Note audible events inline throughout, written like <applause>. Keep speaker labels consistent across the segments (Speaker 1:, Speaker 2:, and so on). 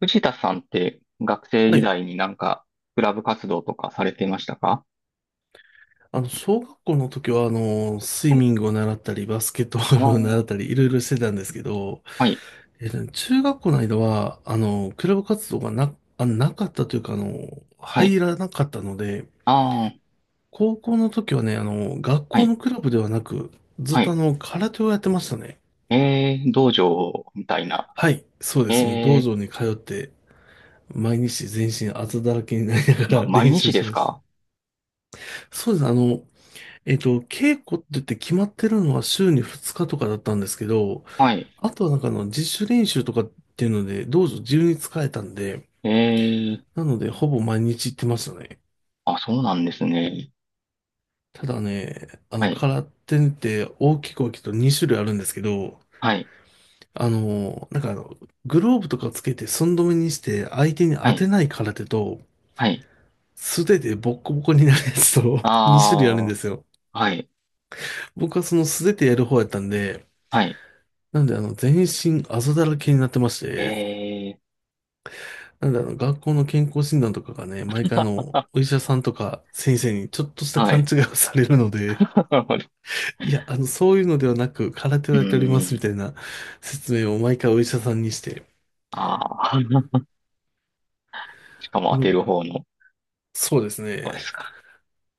Speaker 1: 藤田さんって学生
Speaker 2: は
Speaker 1: 時
Speaker 2: い。
Speaker 1: 代にクラブ活動とかされてましたか？
Speaker 2: 小学校の時は、スイ
Speaker 1: はい。
Speaker 2: ミングを習ったり、バスケットボ
Speaker 1: あ
Speaker 2: ール
Speaker 1: あ、
Speaker 2: を習ったり、いろいろしてたんですけど、
Speaker 1: はい、
Speaker 2: 中学校の間は、クラブ活動がなかったというか、
Speaker 1: はい。
Speaker 2: 入らなかったので、
Speaker 1: ああ、
Speaker 2: 高校の時はね、学
Speaker 1: は
Speaker 2: 校
Speaker 1: い、
Speaker 2: のクラブではなく、ずっ
Speaker 1: は
Speaker 2: と
Speaker 1: い。
Speaker 2: 空手をやってましたね。
Speaker 1: えー、道場みたいな。
Speaker 2: はい、そうです。もう
Speaker 1: え
Speaker 2: 道
Speaker 1: ー、
Speaker 2: 場に通って、毎日全身あざだらけになりな
Speaker 1: ま、
Speaker 2: がら <laughs>
Speaker 1: 毎
Speaker 2: 練習
Speaker 1: 日
Speaker 2: し
Speaker 1: で
Speaker 2: て
Speaker 1: す
Speaker 2: ました。
Speaker 1: か？
Speaker 2: そうです。稽古って言って決まってるのは週に2日とかだったんですけど、
Speaker 1: はい。
Speaker 2: あとは自主練習とかっていうので、道場自由に使えたんで、
Speaker 1: えー、
Speaker 2: なので、ほぼ毎日行ってましたね。
Speaker 1: あ、そうなんですね。
Speaker 2: ただね、
Speaker 1: はい、
Speaker 2: 空手って大きくと2種類あるんですけど、
Speaker 1: はい、
Speaker 2: あの、なんかあの、グローブとかつけて寸止めにして相手に
Speaker 1: は
Speaker 2: 当て
Speaker 1: い、
Speaker 2: ない空手と、
Speaker 1: はい。
Speaker 2: 素手でボッコボコになるやつと2 <laughs> 種類あるん
Speaker 1: あ
Speaker 2: で
Speaker 1: あ、
Speaker 2: すよ。
Speaker 1: はい、
Speaker 2: 僕はその素手でやる方やったんで、
Speaker 1: はい。
Speaker 2: なんで全身あざだらけになってまし
Speaker 1: え
Speaker 2: て、
Speaker 1: ー、
Speaker 2: なんだろう、学校の健康診断とかがね、毎回お
Speaker 1: <laughs>
Speaker 2: 医者さんとか先生にちょっとした
Speaker 1: は
Speaker 2: 勘
Speaker 1: い。
Speaker 2: 違いをされるので、
Speaker 1: <laughs>
Speaker 2: <laughs> いや、そういうのではなく、空手
Speaker 1: う
Speaker 2: をやっておりますみ
Speaker 1: ーん、
Speaker 2: たいな説明を毎回お医者さんにして、
Speaker 1: ああ、<laughs> しかも
Speaker 2: あ
Speaker 1: 当て
Speaker 2: の
Speaker 1: る方の、
Speaker 2: そうです
Speaker 1: そうで
Speaker 2: ね。
Speaker 1: すか。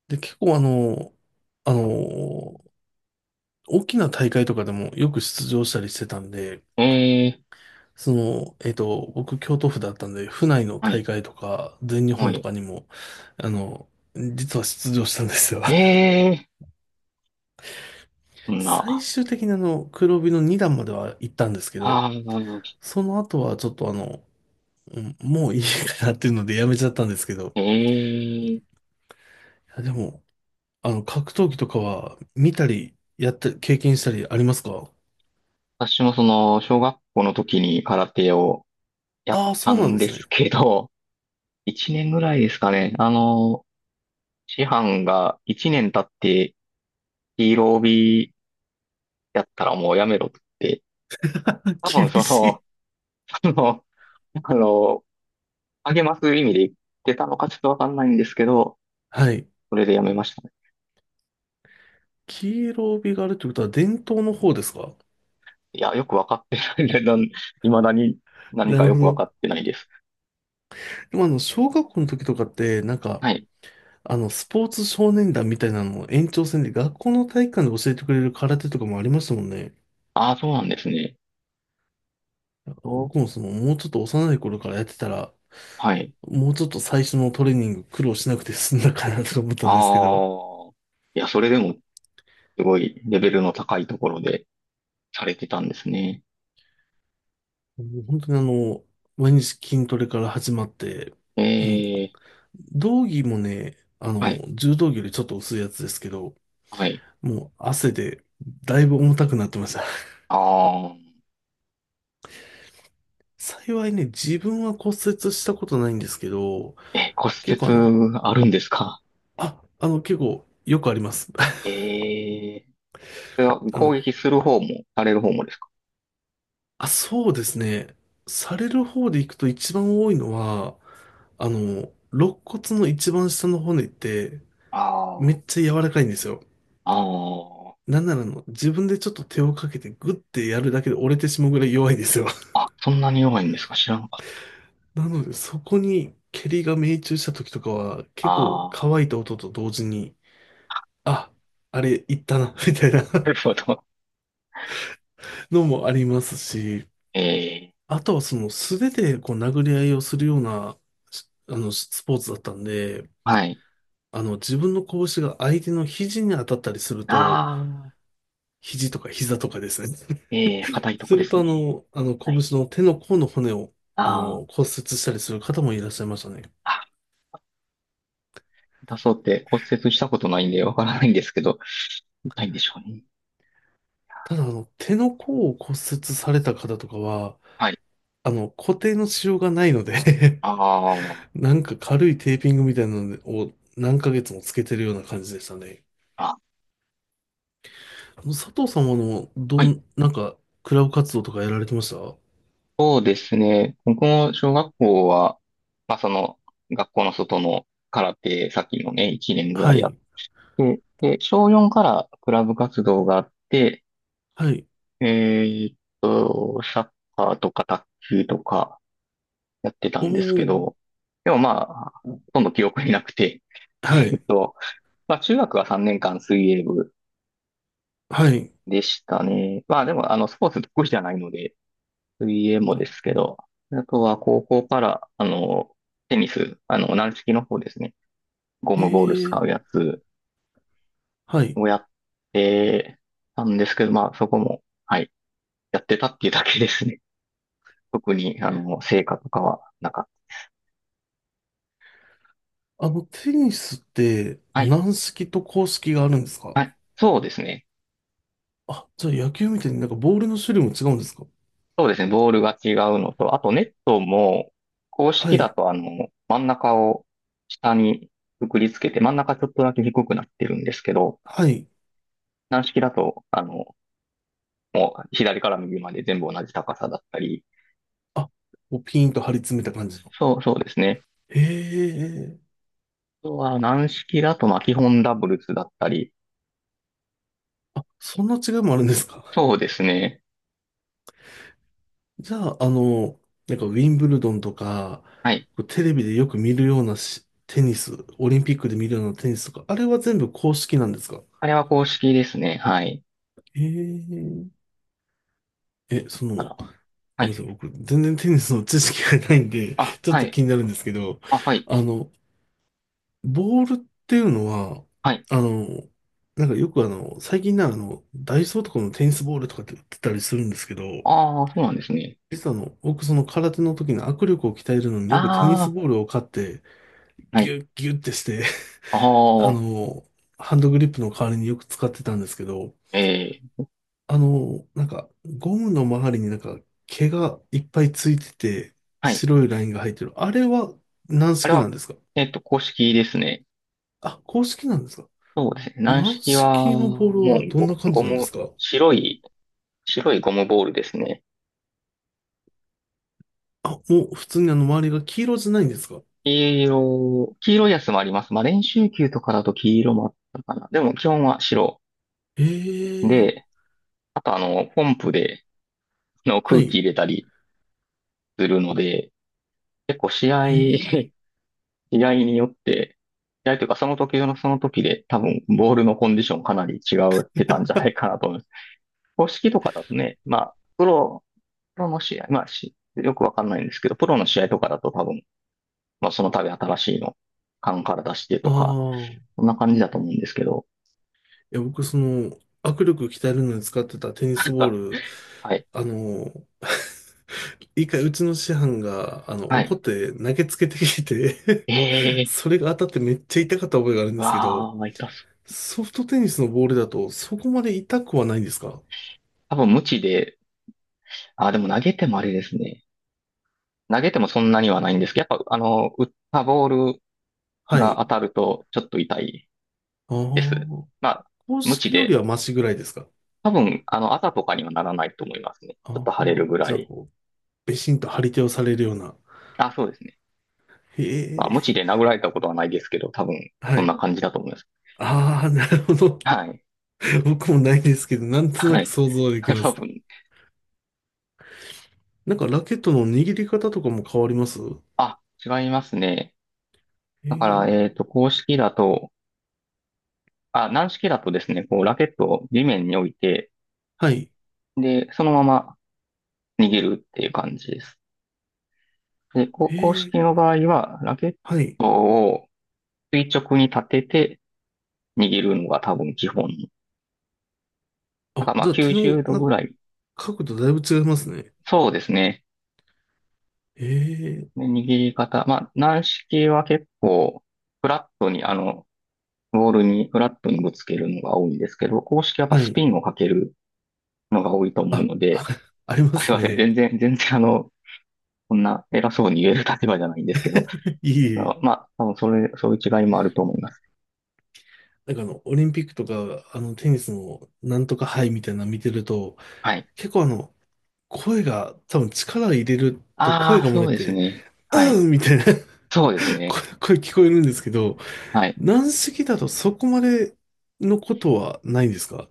Speaker 2: で、結構あの、あの、大きな大会とかでもよく出場したりしてたんで、
Speaker 1: えー、
Speaker 2: その、僕、京都府だったんで、府内の
Speaker 1: は
Speaker 2: 大
Speaker 1: い。
Speaker 2: 会とか、全日
Speaker 1: は
Speaker 2: 本と
Speaker 1: い。
Speaker 2: かにも、あの、実は出場したんですよ。
Speaker 1: ええー。そん
Speaker 2: 最
Speaker 1: な、
Speaker 2: 終的に黒帯の2段までは行ったんですけど、
Speaker 1: ああ、
Speaker 2: その後はちょっとうんもういいかなっていうのでやめちゃったんですけど、
Speaker 1: ええー。
Speaker 2: いやでも、格闘技とかは見たり、やったり、経験したりありますか？
Speaker 1: 私もその、小学校の時に空手をやっ
Speaker 2: ああー、
Speaker 1: た
Speaker 2: そうなん
Speaker 1: ん
Speaker 2: で
Speaker 1: で
Speaker 2: す
Speaker 1: す
Speaker 2: ね。
Speaker 1: けど、<laughs> 1年ぐらいですかね。師範が1年経ってヒーロー帯やったらもうやめろって、
Speaker 2: <laughs>
Speaker 1: 多
Speaker 2: 厳
Speaker 1: 分そ
Speaker 2: し
Speaker 1: の、
Speaker 2: い。
Speaker 1: <laughs> その、あの、励ます意味で言ってたのかちょっとわかんないんですけど、
Speaker 2: はい。
Speaker 1: それでやめましたね。
Speaker 2: 黄色帯があるってことは伝統の方ですか？
Speaker 1: いや、よくわかってないね。<laughs> 未だに何
Speaker 2: な
Speaker 1: か
Speaker 2: る
Speaker 1: よ
Speaker 2: ほ
Speaker 1: くわかっ
Speaker 2: ど。
Speaker 1: てないです。
Speaker 2: でも小学校の時とかって、なんか、
Speaker 1: はい。
Speaker 2: スポーツ少年団みたいなのを延長戦で学校の体育館で教えてくれる空手とかもありましたもんね。
Speaker 1: ああ、そうなんですね。お、
Speaker 2: 僕もその、もうちょっと幼い頃からやってたら、
Speaker 1: はい。
Speaker 2: もうちょっと最初のトレーニング苦労しなくて済んだかなと思った
Speaker 1: あ
Speaker 2: んですけど、
Speaker 1: あ。いや、それでも、すごいレベルの高いところでされてたんですね。
Speaker 2: もう本当に毎日筋トレから始まって、
Speaker 1: え
Speaker 2: もう、
Speaker 1: え、
Speaker 2: 道着もね、
Speaker 1: はい、
Speaker 2: 柔道着よりちょっと薄いやつですけど、
Speaker 1: はい。
Speaker 2: もう汗でだいぶ重たくなってました。<laughs>
Speaker 1: ああ、
Speaker 2: 幸いね、自分は骨折したことないんですけど、
Speaker 1: え、骨
Speaker 2: 結構あの、
Speaker 1: 折あるんですか？
Speaker 2: あ、あの、結構よくあります。
Speaker 1: ええ、それは
Speaker 2: <laughs> あ
Speaker 1: 攻
Speaker 2: の、
Speaker 1: 撃する方も、される方もですか？
Speaker 2: あ、そうですね。される方で行くと一番多いのは、肋骨の一番下の骨ってめ
Speaker 1: あ
Speaker 2: っ
Speaker 1: あ、
Speaker 2: ちゃ柔らかいんですよ。
Speaker 1: あ
Speaker 2: なんなら自分でちょっと手をかけてグッてやるだけで折れてしまうぐらい弱いんですよ。<laughs>
Speaker 1: あ、あ、そんなに弱いんですか、知らなかった。
Speaker 2: なのでそこに蹴りが命中した時とかは結構
Speaker 1: あ
Speaker 2: 乾
Speaker 1: あ、
Speaker 2: いた音と同時に、あ、あれいったな、<laughs> みたいな
Speaker 1: <laughs> なるほど。
Speaker 2: <laughs> のもありますし、
Speaker 1: ええ、
Speaker 2: あとはその素手でこう殴り合いをするようなしあのスポーツだったんで、
Speaker 1: はい。
Speaker 2: 自分の拳が相手の肘に当たったりすると、
Speaker 1: ああ、
Speaker 2: 肘とか膝とかですね。
Speaker 1: ええ、硬いとこ
Speaker 2: す
Speaker 1: で
Speaker 2: る
Speaker 1: す
Speaker 2: と、
Speaker 1: ね。は
Speaker 2: 拳
Speaker 1: い。
Speaker 2: の手の甲の骨を、
Speaker 1: あ
Speaker 2: 骨
Speaker 1: あ。
Speaker 2: 折したりする方もいらっしゃいましたね。
Speaker 1: あ、出そうって骨折したことないんでわからないんですけど、ないんでしょうね。
Speaker 2: ただ、手の甲を骨折された方とかは、
Speaker 1: はい。
Speaker 2: 固定のしようがないので
Speaker 1: あー、
Speaker 2: <laughs> なんか軽いテーピングみたいなのを何ヶ月もつけてるような感じでしたね。
Speaker 1: あ、
Speaker 2: 佐藤さんは、あの、ど
Speaker 1: はい。
Speaker 2: ん、なんか、クラブ活動とかやられてました
Speaker 1: そうですね。僕も小学校は、まあその、学校の外の空手、さっきのね、1年ぐら
Speaker 2: は
Speaker 1: いやっ
Speaker 2: い、
Speaker 1: て、で、小4からクラブ活動があって、
Speaker 2: はい、
Speaker 1: えっサッカーとか卓球とかやってた
Speaker 2: お
Speaker 1: んですけ
Speaker 2: ー、
Speaker 1: ど、でもまあ、ほとんど記憶になくて、<laughs>
Speaker 2: は
Speaker 1: えっ
Speaker 2: い、
Speaker 1: と、まあ中学は3年間水泳部
Speaker 2: はい、
Speaker 1: でしたね。まあでも、スポーツ得意じゃないので、水泳もですけど、あとは高校から、テニス、軟式の方ですね。ゴ
Speaker 2: え
Speaker 1: ムボール使う
Speaker 2: ー、
Speaker 1: やつ
Speaker 2: はい。
Speaker 1: をやってたんですけど、まあそこも、はい、やってたっていうだけですね。<laughs> 特に、成果とかはなかっ
Speaker 2: テニスって、
Speaker 1: た。はい、
Speaker 2: 軟式と硬式があるんですか？
Speaker 1: はい、そうですね。
Speaker 2: あ、じゃあ野球みたいになんかボールの種類も違うんですか？
Speaker 1: そうですね、ボールが違うのと、あとネットも、公
Speaker 2: は
Speaker 1: 式だ
Speaker 2: い。
Speaker 1: と、真ん中を下にくくりつけて、真ん中ちょっとだけ低くなってるんですけど、
Speaker 2: はい。
Speaker 1: 軟式だと、もう左から右まで全部同じ高さだったり、
Speaker 2: あ、こうピーンと張り詰めた感じの。
Speaker 1: そう、そうですね。
Speaker 2: へえ。
Speaker 1: あとは軟式だと、まあ、基本ダブルスだったり、
Speaker 2: あ、そんな違いもあるんですか？
Speaker 1: そうですね。
Speaker 2: <laughs> じゃあ、なんかウィンブルドンとか、
Speaker 1: はい。
Speaker 2: こうテレビでよく見るようなテニス、オリンピックで見るようなテニスとか、あれは全部公式なんですか？
Speaker 1: あれは公式ですね。はい。
Speaker 2: へえ。え、その、
Speaker 1: あら、は
Speaker 2: ごめんな
Speaker 1: い。
Speaker 2: さい、僕、全然テニスの知識がないんで、
Speaker 1: あ、
Speaker 2: ちょっ
Speaker 1: は
Speaker 2: と
Speaker 1: い。
Speaker 2: 気になるんですけど、
Speaker 1: あ、はい。
Speaker 2: あの、ボールっていうのは、
Speaker 1: はい。
Speaker 2: あの、なんかよくあの、最近なあの、ダイソーとかのテニスボールとかって売ってたりするんですけど、
Speaker 1: ああ、そうなんですね。
Speaker 2: 実は僕その空手の時の握力を鍛えるのによくテニス
Speaker 1: あ
Speaker 2: ボールを買って、
Speaker 1: あ、は
Speaker 2: ギ
Speaker 1: い。
Speaker 2: ュッギュッってして、
Speaker 1: あ
Speaker 2: <laughs> あ
Speaker 1: あ、
Speaker 2: の、ハンドグリップの代わりによく使ってたんですけど、
Speaker 1: ええ、
Speaker 2: あの、なんか、ゴムの周りになんか毛がいっぱいついてて、
Speaker 1: はい。
Speaker 2: 白いラインが入ってる。あれは軟
Speaker 1: あれ
Speaker 2: 式な
Speaker 1: は、
Speaker 2: んですか？
Speaker 1: 公式ですね。
Speaker 2: あ、公式なんですか？
Speaker 1: そうですね。軟
Speaker 2: 軟
Speaker 1: 式は、
Speaker 2: 式のボー
Speaker 1: もう
Speaker 2: ルはどんな
Speaker 1: ゴ、
Speaker 2: 感じ
Speaker 1: ゴ
Speaker 2: なんで
Speaker 1: ム、
Speaker 2: すか？
Speaker 1: 白い、白いゴムボールですね。
Speaker 2: あ、もう普通に周りが黄色じゃないんですか？
Speaker 1: 黄色、黄色いやつもあります。まあ、練習球とかだと黄色もあったかな。でも基本は白。
Speaker 2: え
Speaker 1: で、
Speaker 2: え。
Speaker 1: あとポンプで
Speaker 2: は
Speaker 1: 空気
Speaker 2: い。
Speaker 1: 入れたりするので、結構試合、<laughs>
Speaker 2: ええ。
Speaker 1: 試合によって、試合というかその時のその時で多分ボールのコンディションかなり違ってたんじゃないかなと思います。公式とかだとね、まあ、プロの試合、まあ、よくわかんないんですけど、プロの試合とかだと多分、まあその度新しいの、缶から出して
Speaker 2: あ
Speaker 1: とか、
Speaker 2: あ。い
Speaker 1: そんな感じだと思うんですけど、
Speaker 2: や、僕その、握力鍛えるのに使ってたテニスボー
Speaker 1: <laughs>
Speaker 2: ル、
Speaker 1: はい。
Speaker 2: あの、<laughs> 一回うちの師範が、
Speaker 1: は
Speaker 2: 怒
Speaker 1: い。
Speaker 2: って投げつけてきて <laughs>
Speaker 1: ええ
Speaker 2: それが当たってめっちゃ痛かった覚えがあるん
Speaker 1: ー、
Speaker 2: ですけ
Speaker 1: わ
Speaker 2: ど、
Speaker 1: あ、痛そう。
Speaker 2: ソフトテニスのボールだとそこまで痛くはないんですか？
Speaker 1: 多分無知で、あ、でも投げてもあれですね。投げてもそんなにはないんですけど、やっぱ、打ったボール
Speaker 2: は
Speaker 1: が
Speaker 2: い。
Speaker 1: 当たるとちょっと痛い
Speaker 2: あ
Speaker 1: です。
Speaker 2: あ。
Speaker 1: まあ、
Speaker 2: 公
Speaker 1: 無知
Speaker 2: 式より
Speaker 1: で、
Speaker 2: はマシぐらいですか？
Speaker 1: 多分、あざとかにはならないと思いますね。ちょっ
Speaker 2: あ
Speaker 1: と腫れる
Speaker 2: あ、
Speaker 1: ぐら
Speaker 2: じゃあ
Speaker 1: い。
Speaker 2: こう、べしんと張り手をされるような。
Speaker 1: あ、そうですね。
Speaker 2: へ
Speaker 1: まあ、無知
Speaker 2: え、
Speaker 1: で殴られたことはないですけど、多分、
Speaker 2: は
Speaker 1: そん
Speaker 2: い。
Speaker 1: な感じだと思います。
Speaker 2: ああ、なるほど。
Speaker 1: はい。
Speaker 2: <laughs> 僕もないですけど、なんとな
Speaker 1: は
Speaker 2: く
Speaker 1: い。
Speaker 2: 想
Speaker 1: <laughs>
Speaker 2: 像はできま
Speaker 1: 多
Speaker 2: す。
Speaker 1: 分。
Speaker 2: なんかラケットの握り方とかも変わります
Speaker 1: あ、違いますね。
Speaker 2: へ
Speaker 1: だから、
Speaker 2: え、
Speaker 1: 公式だと、あ、軟式だとですね、こう、ラケットを地面に置いて、
Speaker 2: はい。
Speaker 1: で、そのまま逃げるっていう感じです。で、
Speaker 2: へ
Speaker 1: 公
Speaker 2: え、
Speaker 1: 式の場合は、ラケッ
Speaker 2: はい。
Speaker 1: トを垂直に立てて逃げるのが多分基本。だか
Speaker 2: あ、
Speaker 1: らまあ
Speaker 2: じゃあ手
Speaker 1: 90
Speaker 2: の、
Speaker 1: 度
Speaker 2: な
Speaker 1: ぐ
Speaker 2: んか、
Speaker 1: らい。
Speaker 2: 角度だいぶ違いますね。
Speaker 1: そうですね。
Speaker 2: へえ、
Speaker 1: で握り方。まあ、軟式は結構、フラットに、ボールにフラットにぶつけるのが多いんですけど、公式はやっぱ
Speaker 2: は
Speaker 1: ス
Speaker 2: い。
Speaker 1: ピンをかけるのが多いと思う
Speaker 2: あ、
Speaker 1: の
Speaker 2: <laughs>
Speaker 1: で、
Speaker 2: ありま
Speaker 1: あ、すい
Speaker 2: す
Speaker 1: ません。
Speaker 2: ね。
Speaker 1: 全然こんな偉そうに言える立場じゃないんですけど、
Speaker 2: <laughs> いえい
Speaker 1: あ、
Speaker 2: え。
Speaker 1: まあ、多分、そういう違いもあると思います。
Speaker 2: なんかオリンピックとか、テニスのなんとか杯みたいなの見てると、
Speaker 1: はい。
Speaker 2: 結構あの、声が、多分力を入れると
Speaker 1: あ
Speaker 2: 声
Speaker 1: あ、
Speaker 2: が漏
Speaker 1: そ
Speaker 2: れ
Speaker 1: うです
Speaker 2: て、
Speaker 1: ね。はい。
Speaker 2: うんみたいな
Speaker 1: そうです
Speaker 2: <laughs> 声、
Speaker 1: ね。
Speaker 2: 声聞こえるんですけど、
Speaker 1: はい。
Speaker 2: 軟式だとそこまでのことはないんですか？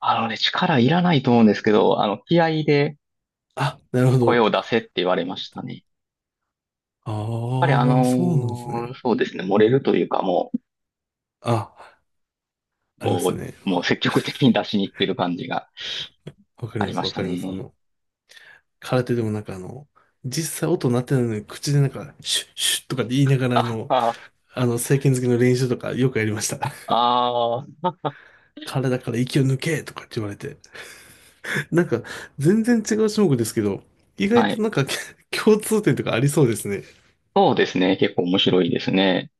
Speaker 1: あのね、力いらないと思うんですけど、気合で
Speaker 2: あ、なるほ
Speaker 1: 声
Speaker 2: ど。
Speaker 1: を出せって言われましたね。やっぱりあ
Speaker 2: ああ、そうなんです
Speaker 1: のー
Speaker 2: ね。
Speaker 1: そうですね、漏れるというか、も
Speaker 2: あ、
Speaker 1: う、
Speaker 2: ありま
Speaker 1: も
Speaker 2: すね。
Speaker 1: う、もう積極的に出しに行ってる感じが
Speaker 2: わかり
Speaker 1: あ
Speaker 2: ま
Speaker 1: り
Speaker 2: す、
Speaker 1: まし
Speaker 2: わ
Speaker 1: た
Speaker 2: かります。
Speaker 1: ね。
Speaker 2: 空手でもなんか実際音鳴ってないのに口でなんか、シュッシュッとかって言いながら
Speaker 1: あ、あー、
Speaker 2: 正拳突きの練習とかよくやりました。<laughs>
Speaker 1: あー、
Speaker 2: 体から息を抜けとかって言われて。なんか、全然違う種目ですけど、意外
Speaker 1: は
Speaker 2: と
Speaker 1: い。
Speaker 2: なんか <laughs> 共通点とかありそうですね。
Speaker 1: そうですね。結構面白いですね。